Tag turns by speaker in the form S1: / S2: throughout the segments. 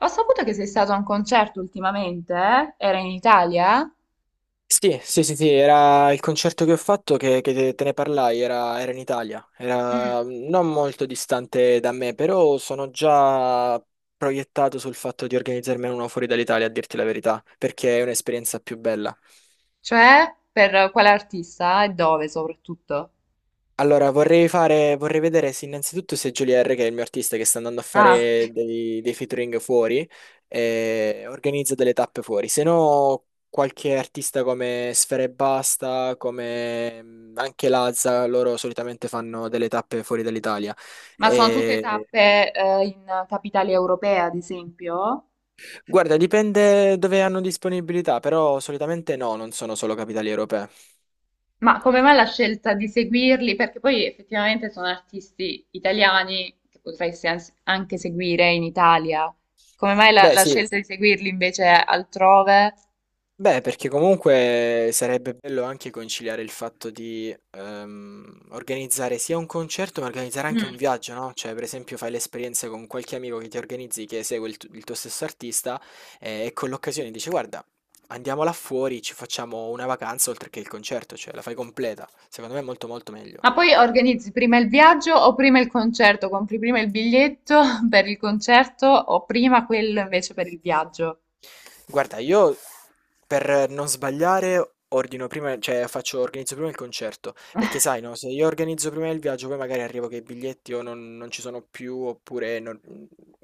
S1: Ho saputo che sei stato a un concerto ultimamente, eh? Era in Italia?
S2: Sì, sì, sì, sì, era il concerto che ho fatto che te ne parlai, era in Italia, era non molto distante da me, però sono già proiettato sul fatto di organizzarmene uno fuori dall'Italia, a dirti la verità, perché è un'esperienza più bella.
S1: Cioè, per quale artista e dove soprattutto?
S2: Allora, vorrei fare, vorrei vedere se innanzitutto se Jolier, che è il mio artista che sta andando a
S1: Ah,
S2: fare
S1: ok.
S2: dei featuring fuori, organizza delle tappe fuori. Se no, qualche artista come Sfera e Basta, come anche Lazza, loro solitamente fanno delle tappe fuori dall'Italia.
S1: Ma sono tutte
S2: E-
S1: tappe, in capitale europea, ad esempio?
S2: Guarda, dipende dove hanno disponibilità, però solitamente no, non sono solo capitali europee.
S1: Ma come mai la scelta di seguirli? Perché poi effettivamente sono artisti italiani che potresti anche seguire in Italia. Come mai la,
S2: Beh,
S1: la
S2: sì.
S1: scelta di seguirli invece altrove?
S2: Beh, perché comunque sarebbe bello anche conciliare il fatto di organizzare sia un concerto, ma organizzare anche un viaggio, no? Cioè, per esempio, fai l'esperienza con qualche amico che ti organizzi, che segue il tuo stesso artista, e con l'occasione dici, guarda, andiamo là fuori, ci facciamo una vacanza oltre che il concerto, cioè la fai completa. Secondo me è molto molto meglio.
S1: Ma poi organizzi prima il viaggio o prima il concerto? Compri prima il biglietto per il concerto o prima quello invece per il viaggio?
S2: Guarda, io per non sbagliare ordino prima, cioè faccio, organizzo prima il concerto, perché sai, no, se io organizzo prima il viaggio, poi magari arrivo che i biglietti o non ci sono più, oppure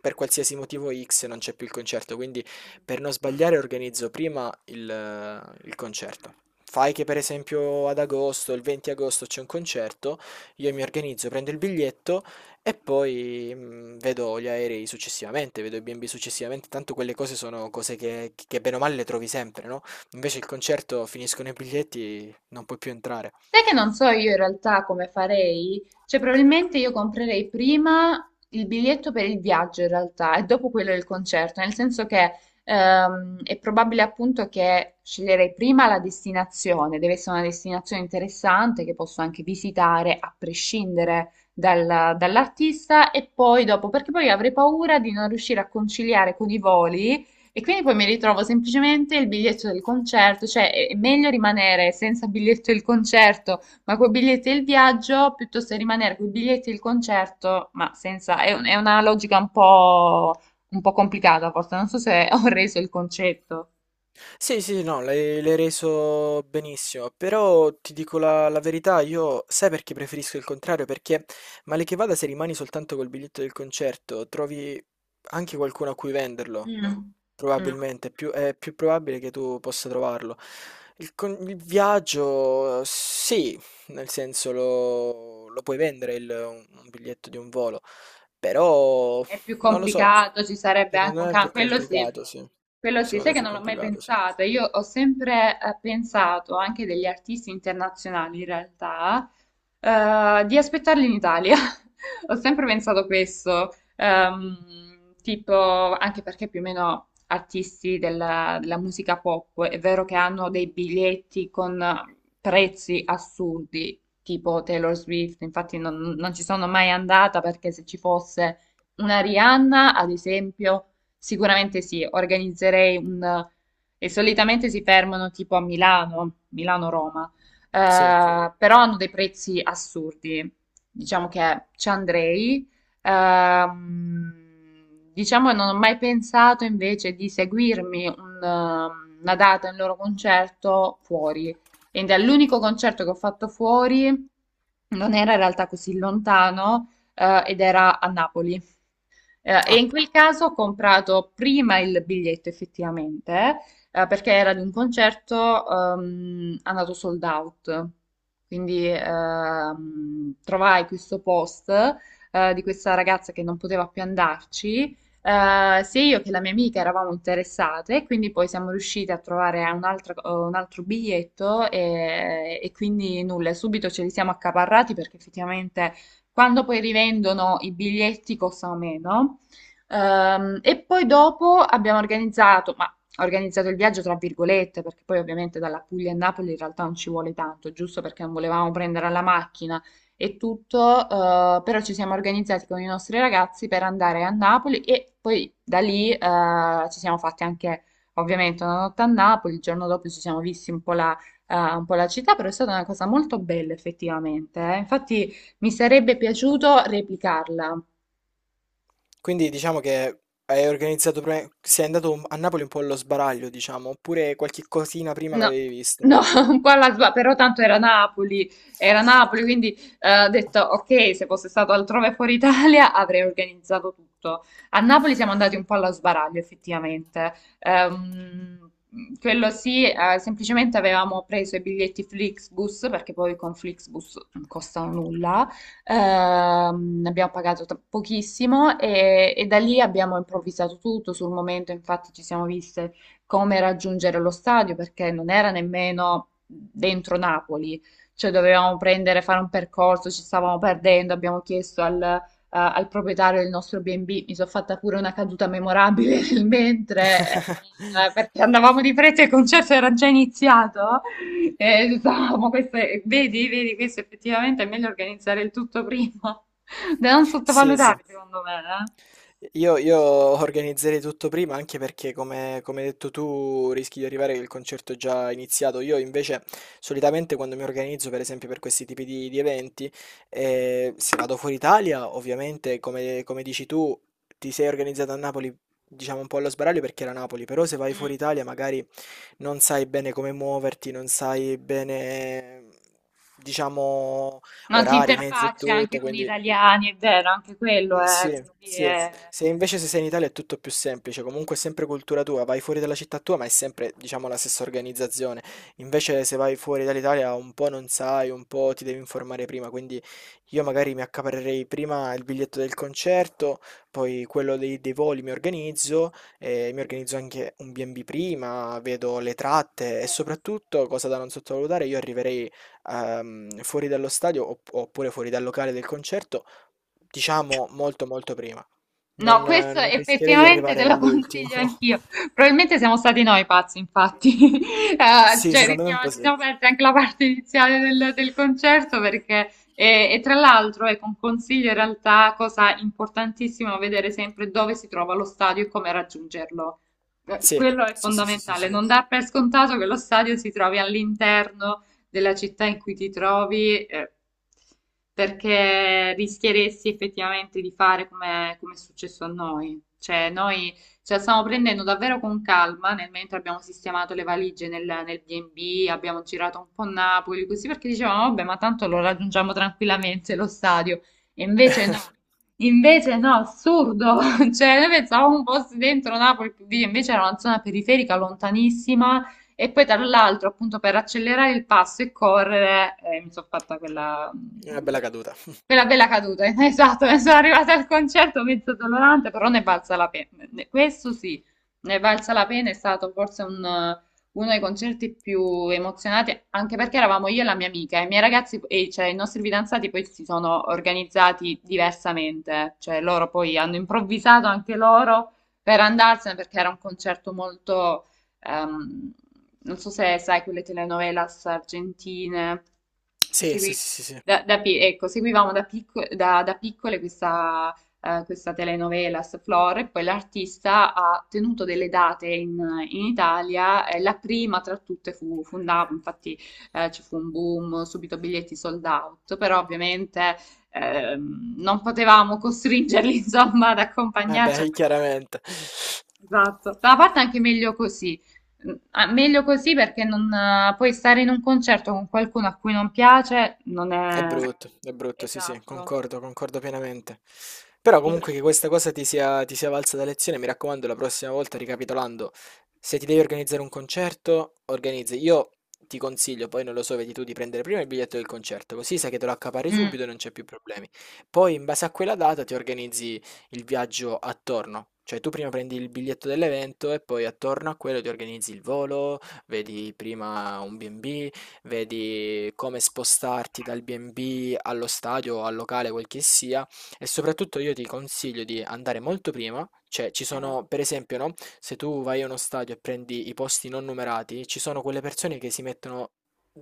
S2: per qualsiasi motivo X non c'è più il concerto, quindi per non sbagliare organizzo prima il concerto. Fai che per esempio ad agosto, il 20 agosto c'è un concerto, io mi organizzo, prendo il biglietto, e poi vedo gli aerei successivamente, vedo i B&B successivamente, tanto quelle cose sono cose che bene o male le trovi sempre, no? Invece il concerto finiscono i biglietti, non puoi più entrare.
S1: Sai che non so io in realtà come farei? Cioè, probabilmente io comprerei prima il biglietto per il viaggio in realtà e dopo quello del concerto, nel senso che è probabile appunto che sceglierei prima la destinazione, deve essere una destinazione interessante che posso anche visitare a prescindere dall'artista e poi dopo, perché poi avrei paura di non riuscire a conciliare con i voli e quindi poi mi ritrovo semplicemente il biglietto del concerto, cioè è meglio rimanere senza biglietto del concerto, ma con biglietti del viaggio, piuttosto che rimanere con i biglietti del concerto, ma senza. È una logica un po' complicata, forse, non so se ho reso il concetto.
S2: Sì, sì, no, l'hai reso benissimo, però ti dico la verità, io sai perché preferisco il contrario? Perché male che vada se rimani soltanto col biglietto del concerto, trovi anche qualcuno a cui venderlo.
S1: Mm. Mm.
S2: Probabilmente, è più probabile che tu possa trovarlo. Il con il viaggio sì, nel senso lo puoi vendere il un biglietto di un volo, però
S1: È più
S2: non lo so,
S1: complicato, ci sarebbe anche
S2: secondo
S1: un
S2: me è più
S1: cambio, quello sì.
S2: complicato, sì.
S1: Quello sì,
S2: Secondo
S1: sai
S2: me è
S1: che
S2: più
S1: non l'ho mai
S2: complicato, sì.
S1: pensato. Io ho sempre pensato, anche degli artisti internazionali in realtà, di aspettarli in Italia. Ho sempre pensato questo, tipo, anche perché più o meno artisti della musica pop, è vero che hanno dei biglietti con prezzi assurdi, tipo Taylor Swift, infatti non ci sono mai andata perché se ci fosse una Rihanna, ad esempio. Sicuramente sì, organizzerei un... e solitamente si fermano tipo a Milano, Milano-Roma,
S2: Sì.
S1: però hanno dei prezzi assurdi. Diciamo che ci andrei. Ehm, diciamo che non ho mai pensato invece di seguirmi un, una data, un loro concerto fuori. Ed è l'unico concerto che ho fatto fuori, non era in realtà così lontano, ed era a Napoli. E
S2: Ah,
S1: in quel caso ho comprato prima il biglietto effettivamente, perché era di un concerto andato sold out. Quindi trovai questo post di questa ragazza che non poteva più andarci. Eh, sia io che la mia amica eravamo interessate, quindi poi siamo riuscite a trovare un altro biglietto e quindi nulla, subito ce li siamo accaparrati perché effettivamente quando poi rivendono i biglietti costano meno. E poi dopo abbiamo organizzato, ma organizzato il viaggio tra virgolette, perché poi ovviamente dalla Puglia a Napoli in realtà non ci vuole tanto, giusto perché non volevamo prendere la macchina e tutto, però ci siamo organizzati con i nostri ragazzi per andare a Napoli e poi da lì ci siamo fatti anche ovviamente una notte a Napoli, il giorno dopo ci siamo visti un po' la città, però è stata una cosa molto bella effettivamente. Eh. Infatti mi sarebbe piaciuto replicarla.
S2: quindi diciamo che hai organizzato pre sei andato a Napoli un po' allo sbaraglio, diciamo, oppure qualche cosina prima
S1: No,
S2: l'avevi vista?
S1: no, un po' però tanto era Napoli, quindi ho detto ok, se fosse stato altrove fuori Italia avrei organizzato tutto. A Napoli siamo andati un po' allo sbaraglio, effettivamente. Ehm, quello sì, semplicemente avevamo preso i biglietti Flixbus, perché poi con Flixbus non costano nulla. Ne abbiamo pochissimo e da lì abbiamo improvvisato tutto sul momento, infatti ci siamo viste come raggiungere lo stadio perché non era nemmeno dentro Napoli, cioè dovevamo prendere, fare un percorso, ci stavamo perdendo, abbiamo chiesto al proprietario del nostro B&B, mi sono fatta pure una caduta memorabile nel mentre, perché andavamo di fretta e il concerto era già iniziato. E stavamo, queste, vedi, vedi, questo effettivamente è meglio organizzare il tutto prima, da non
S2: Sì, sì.
S1: sottovalutare secondo me, eh.
S2: Io organizzerei tutto prima anche perché, come hai detto tu, rischi di arrivare che il concerto è già iniziato. Io invece solitamente quando mi organizzo, per esempio, per questi tipi di eventi, se vado fuori Italia, ovviamente, come dici tu, ti sei organizzato a Napoli, diciamo un po' allo sbaraglio perché era Napoli, però se vai fuori
S1: Mm.
S2: Italia magari non sai bene come muoverti, non sai bene, diciamo,
S1: Non ti
S2: orari, mezzi e
S1: interfacci
S2: tutto,
S1: anche con gli
S2: quindi...
S1: italiani, è vero, anche quello è,
S2: Sì,
S1: quindi sì,
S2: sì.
S1: è-
S2: Se invece se sei in Italia è tutto più semplice, comunque è sempre cultura tua, vai fuori dalla città tua, ma è sempre, diciamo, la stessa organizzazione. Invece se vai fuori dall'Italia un po' non sai, un po' ti devi informare prima, quindi io magari mi accaparrerei prima il biglietto del concerto, poi quello dei voli mi organizzo anche un B&B prima, vedo le tratte e
S1: vero.
S2: soprattutto, cosa da non sottovalutare, io arriverei fuori dallo stadio oppure fuori dal locale del concerto. Diciamo molto molto prima.
S1: No,
S2: Non, eh,
S1: questo
S2: non rischierei di
S1: effettivamente
S2: arrivare
S1: te lo
S2: all'ultimo.
S1: consiglio anch'io. Probabilmente siamo stati noi pazzi, infatti.
S2: Sì,
S1: Cioè,
S2: secondo me un po'
S1: ci
S2: sì.
S1: siamo persi anche la parte iniziale del concerto perché, e tra l'altro, ecco, un consiglio in realtà, cosa importantissima, vedere sempre dove si trova lo stadio e come raggiungerlo.
S2: Sì,
S1: Quello è
S2: sì, sì, sì, sì,
S1: fondamentale,
S2: sì.
S1: non dar per scontato che lo stadio si trovi all'interno della città in cui ti trovi, perché rischieresti effettivamente di fare come, come è successo a noi. Cioè, noi ce la stiamo prendendo davvero con calma nel mentre abbiamo sistemato le valigie nel B&B, abbiamo girato un po' Napoli, così perché dicevamo, vabbè, ma tanto lo raggiungiamo tranquillamente lo stadio. E invece no, assurdo. Cioè, noi pensavamo un po' dentro Napoli, invece era una zona periferica lontanissima e poi tra l'altro, appunto, per accelerare il passo e correre, mi sono fatta quella,
S2: Una bella
S1: quella,
S2: caduta.
S1: quella bella caduta. Esatto, ne sono arrivata al concerto mezzo dolorante, però ne è valsa la pena. Questo sì, ne è valsa la pena, è stato forse un, uno dei concerti più emozionati, anche perché eravamo io e la mia amica, e i miei ragazzi, e cioè i nostri fidanzati poi si sono organizzati diversamente, cioè loro poi hanno improvvisato anche loro per andarsene perché era un concerto molto... Ehm, non so se sai quelle telenovelas argentine che
S2: Sì, sì, sì, sì, sì.
S1: da, ecco, seguivamo da, da piccole questa, questa telenovelas Flor e poi l'artista ha tenuto delle date in, in Italia e la prima tra tutte fu Napoli, infatti ci fu un boom, subito biglietti sold out, però ovviamente non potevamo costringerli insomma ad accompagnarci.
S2: Vabbè, chiaramente.
S1: Esatto, da una parte è anche meglio così. Mm, ah, meglio così perché non, poi stare in un concerto con qualcuno a cui non piace non è...
S2: È brutto, sì, sì,
S1: Esatto.
S2: concordo, concordo pienamente. Però
S1: Quindi...
S2: comunque che questa cosa ti sia valsa da lezione, mi raccomando, la prossima volta, ricapitolando, se ti devi organizzare un concerto, organizzi. Io ti consiglio, poi non lo so, vedi tu di prendere prima il biglietto del concerto, così sai che te lo accapari
S1: Mm,
S2: subito e non c'è più problemi. Poi in base a quella data ti organizzi il viaggio attorno. Cioè tu prima prendi il biglietto dell'evento e poi attorno a quello ti organizzi il volo, vedi prima un B&B, vedi come spostarti dal B&B allo stadio o al locale, quel che sia, e soprattutto io ti consiglio di andare molto prima, cioè ci
S1: eh.
S2: sono, per esempio, no? Se tu vai a uno stadio e prendi i posti non numerati, ci sono quelle persone che si mettono,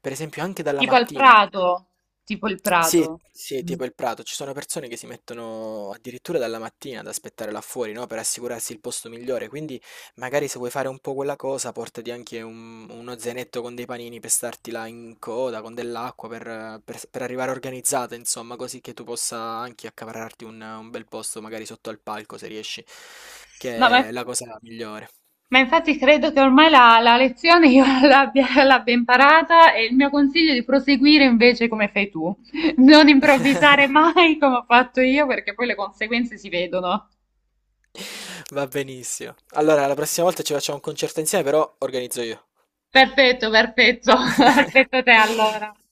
S2: per esempio, anche dalla
S1: Tipo il
S2: mattina.
S1: Prato, tipo il
S2: Sì,
S1: Prato.
S2: sì,
S1: Mm.
S2: tipo il Prato, ci sono persone che si mettono addirittura dalla mattina ad aspettare là fuori, no? Per assicurarsi il posto migliore, quindi magari se vuoi fare un po' quella cosa, portati anche uno zainetto con dei panini per starti là in coda, con dell'acqua, per arrivare organizzata, insomma, così che tu possa anche accaparrarti un bel posto, magari sotto al palco, se riesci,
S1: No,
S2: che è la cosa migliore.
S1: ma infatti credo che ormai la lezione io l'abbia imparata e il mio consiglio è di proseguire invece come fai tu, non improvvisare mai come ho fatto io perché poi le conseguenze si vedono.
S2: Va benissimo. Allora, la prossima volta ci facciamo un concerto insieme, però organizzo io.
S1: Perfetto, perfetto, aspetto te allora.